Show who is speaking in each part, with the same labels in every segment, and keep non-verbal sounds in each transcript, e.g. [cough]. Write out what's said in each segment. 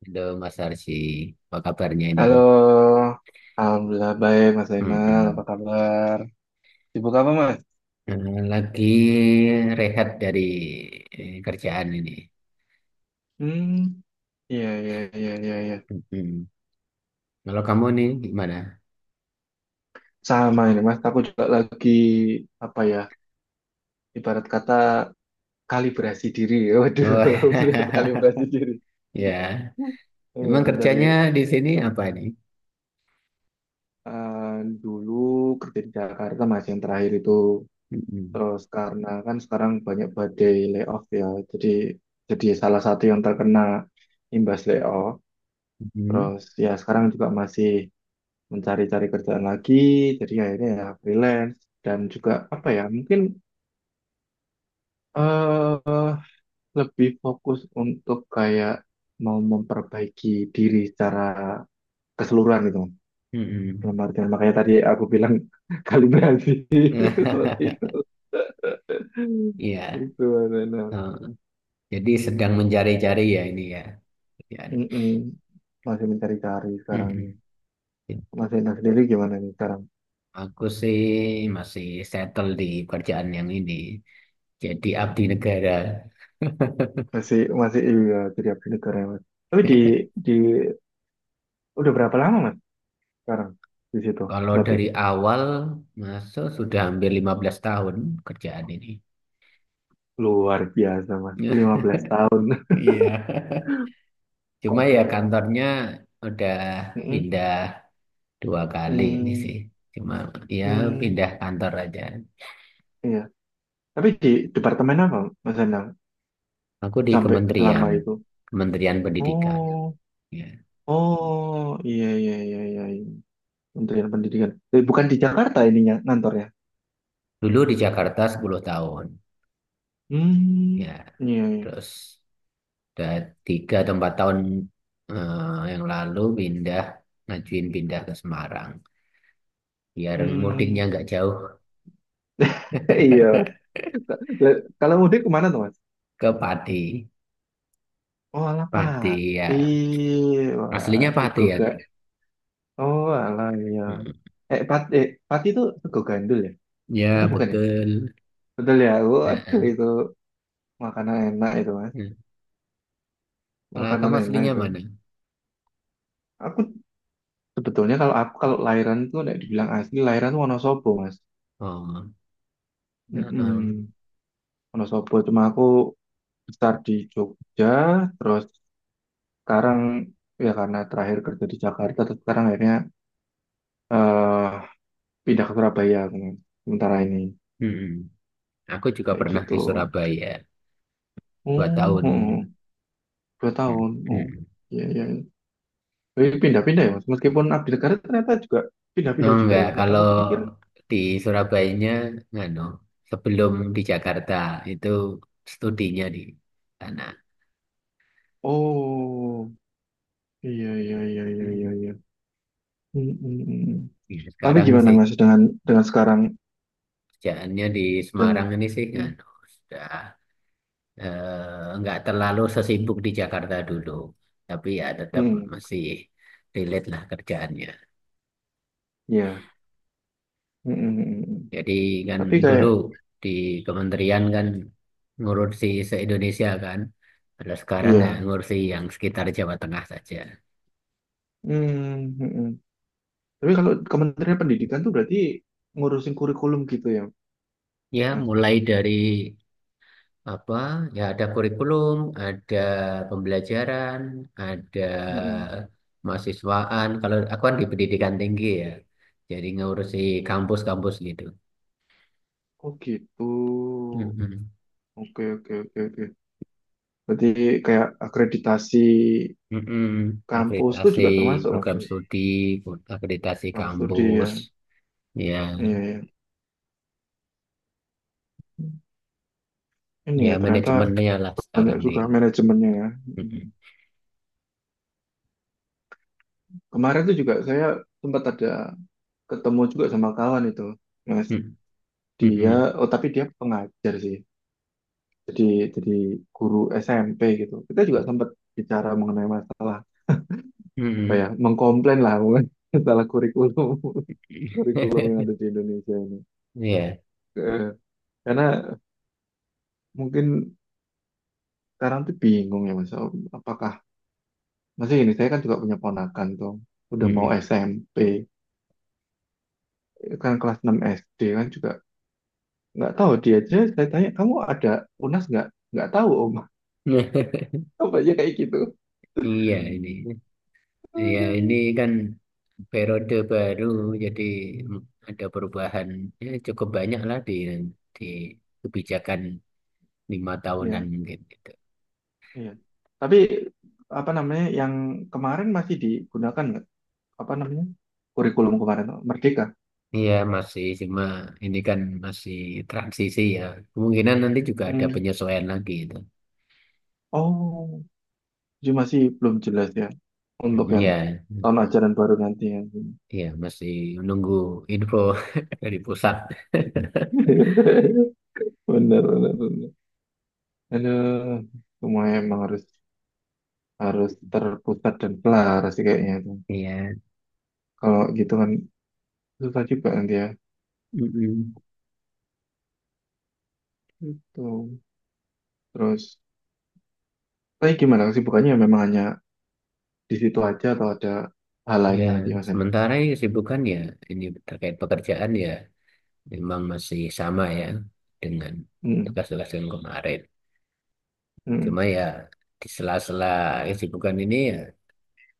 Speaker 1: Halo Mas Arsy, apa kabarnya ini?
Speaker 2: Halo, Alhamdulillah baik Mas Zainal, apa
Speaker 1: Mm-mm.
Speaker 2: kabar? Sibuk apa Mas?
Speaker 1: Lagi rehat dari kerjaan ini.
Speaker 2: Hmm, iya iya iya iya iya.
Speaker 1: Mm-mm. Kalau kamu nih gimana?
Speaker 2: Sama ini Mas, aku juga lagi apa ya, ibarat kata kalibrasi diri. [laughs] Waduh,
Speaker 1: Oh,
Speaker 2: benar kalibrasi diri.
Speaker 1: [laughs] ya. Emang
Speaker 2: Iya, dari
Speaker 1: kerjanya di sini apa ini?
Speaker 2: eh, dulu kerja di Jakarta Mas yang terakhir itu,
Speaker 1: Mm-mm.
Speaker 2: terus karena kan sekarang banyak badai layoff ya, jadi jadi salah satu yang terkena imbas layoff.
Speaker 1: Mm-mm.
Speaker 2: Terus ya sekarang juga masih mencari-cari kerjaan lagi, jadi akhirnya ya freelance dan juga apa ya, mungkin eh, lebih fokus untuk kayak mau memperbaiki diri secara keseluruhan gitu. Dalam
Speaker 1: Mm-mm.
Speaker 2: artian makanya tadi aku bilang [laughs] kalibrasi [laughs] seperti
Speaker 1: [laughs]
Speaker 2: itu.
Speaker 1: Iya.
Speaker 2: Gitu, Arena.
Speaker 1: Oh, jadi sedang mencari-cari ya ini ya, kerjaan.
Speaker 2: Mm-mm. Masih mencari-cari sekarang ini.
Speaker 1: Mm-mm.
Speaker 2: Mas Ena sendiri gimana nih sekarang?
Speaker 1: Aku sih masih settle di kerjaan yang ini. Jadi abdi negara.
Speaker 2: Masih, masih, iya, jadi abdi negarawan. Tapi di
Speaker 1: [laughs]
Speaker 2: di udah berapa lama Mas sekarang di situ?
Speaker 1: Kalau
Speaker 2: Berarti
Speaker 1: dari awal masuk sudah hampir 15 tahun kerjaan ini.
Speaker 2: luar biasa Mas, lima
Speaker 1: [laughs]
Speaker 2: belas tahun.
Speaker 1: Iya.
Speaker 2: [laughs]
Speaker 1: Cuma
Speaker 2: Kok?
Speaker 1: ya kantornya udah
Speaker 2: Mm-mm.
Speaker 1: pindah dua kali ini
Speaker 2: Mm,
Speaker 1: sih. Cuma ya
Speaker 2: mm,
Speaker 1: pindah kantor aja.
Speaker 2: iya. Tapi di departemen apa Mas Endang
Speaker 1: Aku di
Speaker 2: sampai
Speaker 1: kementerian,
Speaker 2: selama itu?
Speaker 1: Kementerian Pendidikan.
Speaker 2: Oh,
Speaker 1: Ya.
Speaker 2: oh, iya iya iya iya. Kementerian Pendidikan. Eh, bukan di Jakarta ininya kantornya.
Speaker 1: Dulu di Jakarta 10 tahun.
Speaker 2: Hmm,
Speaker 1: Ya.
Speaker 2: iya iya.
Speaker 1: Terus udah 3 atau 4 tahun yang lalu pindah, ngajuin pindah ke Semarang. Biar mudiknya
Speaker 2: Hmm.
Speaker 1: nggak jauh.
Speaker 2: [laughs] Iya.
Speaker 1: [laughs]
Speaker 2: Mas. Lah, kalau mudik kemana tuh Mas?
Speaker 1: Ke Pati.
Speaker 2: Oh, alah
Speaker 1: Pati ya.
Speaker 2: pati. Wah,
Speaker 1: Aslinya Pati ya.
Speaker 2: Oh, alah iya.
Speaker 1: Mm.
Speaker 2: Pati itu sego gandul ya?
Speaker 1: Ya,
Speaker 2: Atau bukan ya?
Speaker 1: betul.
Speaker 2: Betul ya? Waduh,
Speaker 1: Heeh.
Speaker 2: itu makanan enak itu, Mas.
Speaker 1: Mm. Kalau
Speaker 2: Makanan
Speaker 1: kamu
Speaker 2: enak
Speaker 1: aslinya
Speaker 2: itu.
Speaker 1: mana?
Speaker 2: Aku sebetulnya, kalau aku kalau lahiran tuh udah dibilang asli, lahiran tuh Wonosobo, Mas.
Speaker 1: Oh. Heeh.
Speaker 2: Mm-mm. Wonosobo, cuma aku besar di Jogja, terus sekarang ya karena terakhir kerja di Jakarta, terus sekarang akhirnya eh pindah ke Surabaya, Mas. Sementara ini
Speaker 1: Mm. Aku juga
Speaker 2: kayak
Speaker 1: pernah
Speaker 2: gitu.
Speaker 1: di Surabaya dua
Speaker 2: Oh,
Speaker 1: tahun.
Speaker 2: oh, oh. dua
Speaker 1: Mm.
Speaker 2: tahun. Oh,
Speaker 1: Mm.
Speaker 2: iya, iya. Eh, pindah-pindah ya, Mas. Meskipun abdi negara ternyata juga
Speaker 1: Oh,
Speaker 2: pindah-pindah juga
Speaker 1: enggak,
Speaker 2: ya.
Speaker 1: kalau
Speaker 2: Aku pikir,
Speaker 1: di Surabayanya nganu, sebelum di Jakarta itu studinya di sana.
Speaker 2: oh, iya, iya, iya, iya, iya,
Speaker 1: Mm.
Speaker 2: iya. Hmm, hmm, hmm.
Speaker 1: Ya,
Speaker 2: Tapi
Speaker 1: sekarang
Speaker 2: gimana
Speaker 1: sih
Speaker 2: Mas dengan sekarang
Speaker 1: kerjaannya di Semarang
Speaker 2: dan
Speaker 1: ini sih
Speaker 2: hmm,
Speaker 1: nganu, sudah nggak terlalu sesibuk di Jakarta dulu, tapi ya tetap
Speaker 2: hmm,
Speaker 1: masih relate lah kerjaannya.
Speaker 2: iya. Hmm, hmm, hmm, hmm.
Speaker 1: Jadi kan
Speaker 2: Tapi
Speaker 1: dulu
Speaker 2: kayak,
Speaker 1: di kementerian kan ngurusi se-Indonesia kan, kalau sekarang ya
Speaker 2: iya.
Speaker 1: ngurusi yang sekitar Jawa Tengah saja.
Speaker 2: Hmm, hmm, hmm. Tapi kalau Kementerian Pendidikan tuh berarti ngurusin kurikulum gitu ya,
Speaker 1: Ya
Speaker 2: Mas.
Speaker 1: mulai dari apa ya, ada kurikulum, ada pembelajaran, ada
Speaker 2: Hmm, hmm.
Speaker 1: mahasiswaan. Kalau aku kan di pendidikan tinggi ya, jadi ngurusi kampus-kampus gitu.
Speaker 2: Oh, gitu.
Speaker 1: Mhm.
Speaker 2: Oke, oke, oke, oke. Berarti kayak akreditasi
Speaker 1: Mm-mm.
Speaker 2: kampus itu
Speaker 1: Akreditasi
Speaker 2: juga termasuk Mas
Speaker 1: program
Speaker 2: Doi.
Speaker 1: studi, akreditasi
Speaker 2: Dalam studi ya.
Speaker 1: kampus, ya,
Speaker 2: Iya, iya. Ini
Speaker 1: ya
Speaker 2: ya ternyata
Speaker 1: manajemennya lah
Speaker 2: banyak
Speaker 1: sekarang di.
Speaker 2: juga manajemennya ya.
Speaker 1: Mm-mm.
Speaker 2: Hmm. Kemarin tuh juga saya sempat ada ketemu juga sama kawan itu. Mas, dia,
Speaker 1: Mm-mm.
Speaker 2: oh, tapi dia pengajar sih. Jadi jadi guru SMP gitu. Kita juga sempat bicara mengenai masalah apa
Speaker 1: Mm-mm.
Speaker 2: ya? Mengkomplain lah mungkin [laughs] masalah kurikulum [laughs] kurikulum yang
Speaker 1: [laughs]
Speaker 2: ada di Indonesia ini.
Speaker 1: Iya.
Speaker 2: Eh, Karena mungkin sekarang tuh bingung ya mas Awi, apakah masih ini, saya kan juga punya ponakan tuh udah mau
Speaker 1: Mm-mm.
Speaker 2: SMP kan, kelas 6 SD kan juga nggak tahu, dia aja saya tanya kamu ada UNAS nggak tahu om,
Speaker 1: [laughs]
Speaker 2: [laughs] apa aja kayak gitu.
Speaker 1: Iya ini, ya
Speaker 2: Aduh.
Speaker 1: ini kan periode baru, jadi ada perubahan ya, cukup banyak lah di kebijakan 5 tahunan
Speaker 2: Ya,
Speaker 1: mungkin gitu.
Speaker 2: iya, tapi apa namanya yang kemarin masih digunakan nggak, apa namanya, kurikulum kemarin Merdeka.
Speaker 1: Iya masih, cuma ini kan masih transisi ya. Kemungkinan nanti juga ada
Speaker 2: Hmm.
Speaker 1: penyesuaian lagi itu.
Speaker 2: Oh, jadi masih belum jelas ya, untuk
Speaker 1: Mm,
Speaker 2: yang
Speaker 1: iya, mm,
Speaker 2: tahun ajaran baru nanti ya.
Speaker 1: iya masih menunggu info [laughs] dari pusat.
Speaker 2: [laughs] Benar benar benar. Aduh, semua emang harus harus terpusat dan pelar sih kayaknya itu.
Speaker 1: Iya,
Speaker 2: Kalau gitu kan susah juga nanti ya.
Speaker 1: mm-mm.
Speaker 2: Itu. Terus, tapi gimana kesibukannya, memang hanya di situ aja atau ada hal
Speaker 1: Ya
Speaker 2: lainnya lagi Mas Eno?
Speaker 1: sementara ini kesibukan ya ini terkait pekerjaan ya memang masih sama ya dengan
Speaker 2: Mm-mm.
Speaker 1: tugas-tugas yang kemarin.
Speaker 2: Mm-mm.
Speaker 1: Cuma ya di sela-sela kesibukan ini ya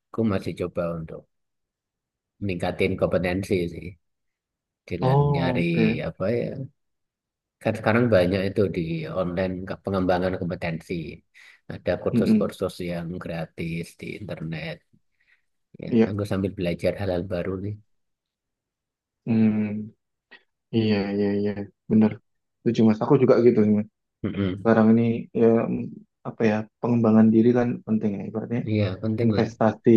Speaker 1: aku masih coba untuk meningkatin kompetensi sih dengan
Speaker 2: Oh,
Speaker 1: nyari
Speaker 2: oke.
Speaker 1: apa ya, kan sekarang banyak itu di online pengembangan kompetensi. Ada
Speaker 2: Mm-mm.
Speaker 1: kursus-kursus yang gratis di internet. Ya,
Speaker 2: Iya.
Speaker 1: aku sambil belajar hal-hal baru nih.
Speaker 2: Mm. Iya, iya, iya. Bener. Setuju Mas. Aku juga gitu sih, Mas.
Speaker 1: Mm-mm.
Speaker 2: Sekarang ini ya, mm, apa ya, pengembangan diri kan penting ya. Ibaratnya
Speaker 1: Iya, penting lah.
Speaker 2: investasi,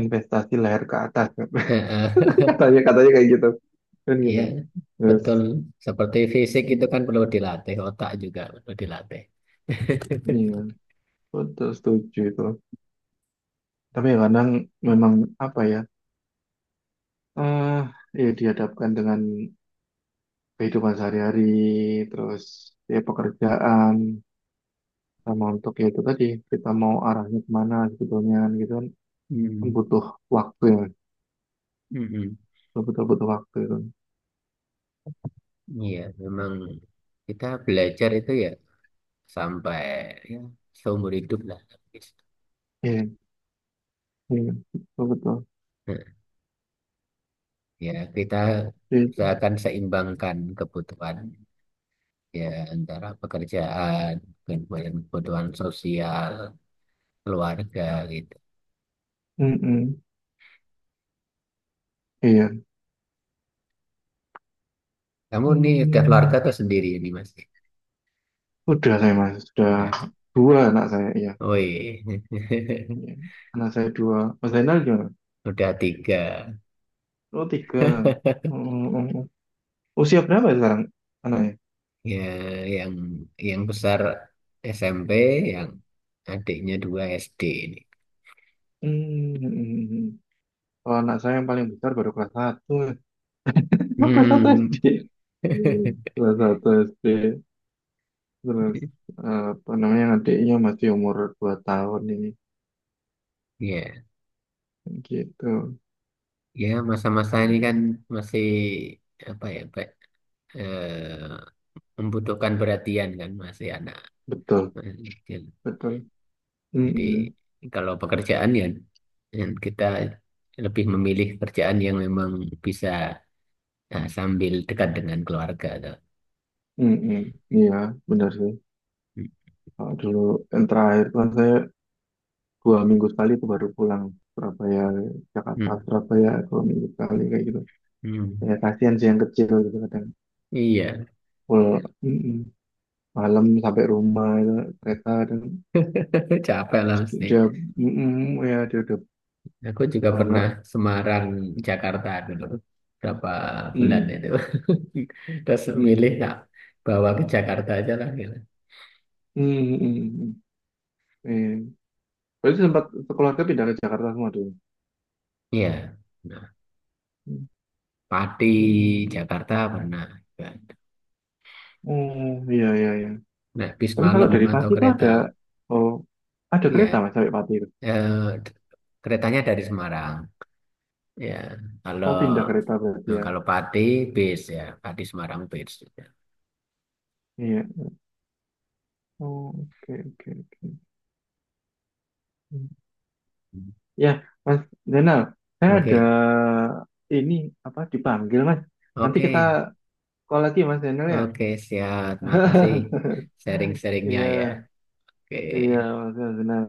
Speaker 2: investasi leher ke atas,
Speaker 1: Eh, eh.
Speaker 2: katanya
Speaker 1: [laughs]
Speaker 2: katanya kayak gitu, kan gitu,
Speaker 1: Iya,
Speaker 2: terus
Speaker 1: betul. Seperti fisik itu
Speaker 2: mm,
Speaker 1: kan perlu dilatih, otak juga perlu dilatih.
Speaker 2: iya,
Speaker 1: [laughs]
Speaker 2: betul, setuju itu, tapi ya kadang memang apa ya, eh ya dihadapkan dengan kehidupan sehari-hari, terus ya pekerjaan, sama untuk ya itu tadi, kita mau arahnya kemana sebetulnya, kan gitu kan,
Speaker 1: Hmm,
Speaker 2: butuh waktu ya,
Speaker 1: mm-mm.
Speaker 2: betul butuh waktu itu,
Speaker 1: Iya, memang kita belajar itu ya sampai ya, seumur hidup lah.
Speaker 2: iya iya betul betul.
Speaker 1: Ya, kita
Speaker 2: Iya.
Speaker 1: akan seimbangkan kebutuhan ya antara pekerjaan, kemudian kebutuhan sosial, keluarga gitu.
Speaker 2: Mm-mm. Iya.
Speaker 1: Kamu nih udah keluarga
Speaker 2: Hmm,
Speaker 1: atau sendiri ini Mas?
Speaker 2: udah, saya mas, sudah
Speaker 1: Udah.
Speaker 2: dua anak saya, iya.
Speaker 1: Woi.
Speaker 2: Iya. Anak saya dua. Mas Zainal gimana?
Speaker 1: [laughs] Udah tiga.
Speaker 2: Oh, tiga. Mm, mm, mm. Usia berapa ya sekarang anaknya?
Speaker 1: Ya, yang yang besar SMP, yang adiknya dua SD ini.
Speaker 2: Hmm, mm, mm, mm. Kalau anak saya yang paling besar baru kelas satu. Oh, kelas satu
Speaker 1: Hmm.
Speaker 2: SD. Hmm.
Speaker 1: [laughs]
Speaker 2: Kelas satu SD. Terus apa namanya, adiknya masih umur 2 tahun ini.
Speaker 1: Ya,
Speaker 2: Gitu.
Speaker 1: ya masa-masa ini kan masih apa ya, Pak? Eh, Membutuhkan perhatian kan masih anak
Speaker 2: Betul,
Speaker 1: masih kecil.
Speaker 2: betul.
Speaker 1: Jadi
Speaker 2: Mm-mm.
Speaker 1: kalau pekerjaan ya yang kita lebih memilih kerjaan yang memang bisa, nah, sambil dekat dengan keluarga tuh.
Speaker 2: Mm-mm. Iya, benar sih.
Speaker 1: Hmm,
Speaker 2: Kalau dulu yang terakhir kan saya 2 minggu sekali itu baru pulang Surabaya, Jakarta
Speaker 1: hmm,
Speaker 2: Surabaya 2 minggu sekali kayak gitu,
Speaker 1: hmm.
Speaker 2: ya kasihan sih yang kecil gitu kadang,
Speaker 1: Iya,
Speaker 2: full mm-mm. Malam sampai rumah itu kereta dan
Speaker 1: [laughs] capek lah mesti.
Speaker 2: dia mm-mm, ya dia udah,
Speaker 1: Aku juga
Speaker 2: kalau nggak,
Speaker 1: pernah Semarang, Jakarta dulu berapa bulan
Speaker 2: mm-mm,
Speaker 1: itu. [laughs] Terus
Speaker 2: mm-mm,
Speaker 1: milih nak bawa ke Jakarta aja lah gitu.
Speaker 2: mm-mm, mm-mm. Iya. Berarti sempat sekeluarga pindah ke Jakarta semua tuh.
Speaker 1: Iya, nah, Pati
Speaker 2: Mm-mm.
Speaker 1: Jakarta pernah.
Speaker 2: Oh, iya iya iya.
Speaker 1: Nah, bis
Speaker 2: Tapi
Speaker 1: malam
Speaker 2: kalau dari
Speaker 1: atau
Speaker 2: Pati itu
Speaker 1: kereta.
Speaker 2: ada, oh, ada
Speaker 1: Iya.
Speaker 2: kereta mas sampai Pati itu.
Speaker 1: Eh, Keretanya dari Semarang. Ya. Kalau
Speaker 2: Oh, pindah kereta berarti
Speaker 1: nah,
Speaker 2: ya.
Speaker 1: kalau Pati bis ya, Pati Semarang bis. Ya.
Speaker 2: Iya. Oh, oke oke oke. Ya, Mas Zainal, saya ada
Speaker 1: Oke,
Speaker 2: ini apa dipanggil Mas. Nanti
Speaker 1: oke,
Speaker 2: kita call lagi Mas Zainal ya.
Speaker 1: oke, siap. Makasih
Speaker 2: [laughs]
Speaker 1: sharing-sharingnya
Speaker 2: Iya,
Speaker 1: ya. Oke.
Speaker 2: iya Mas Zainal.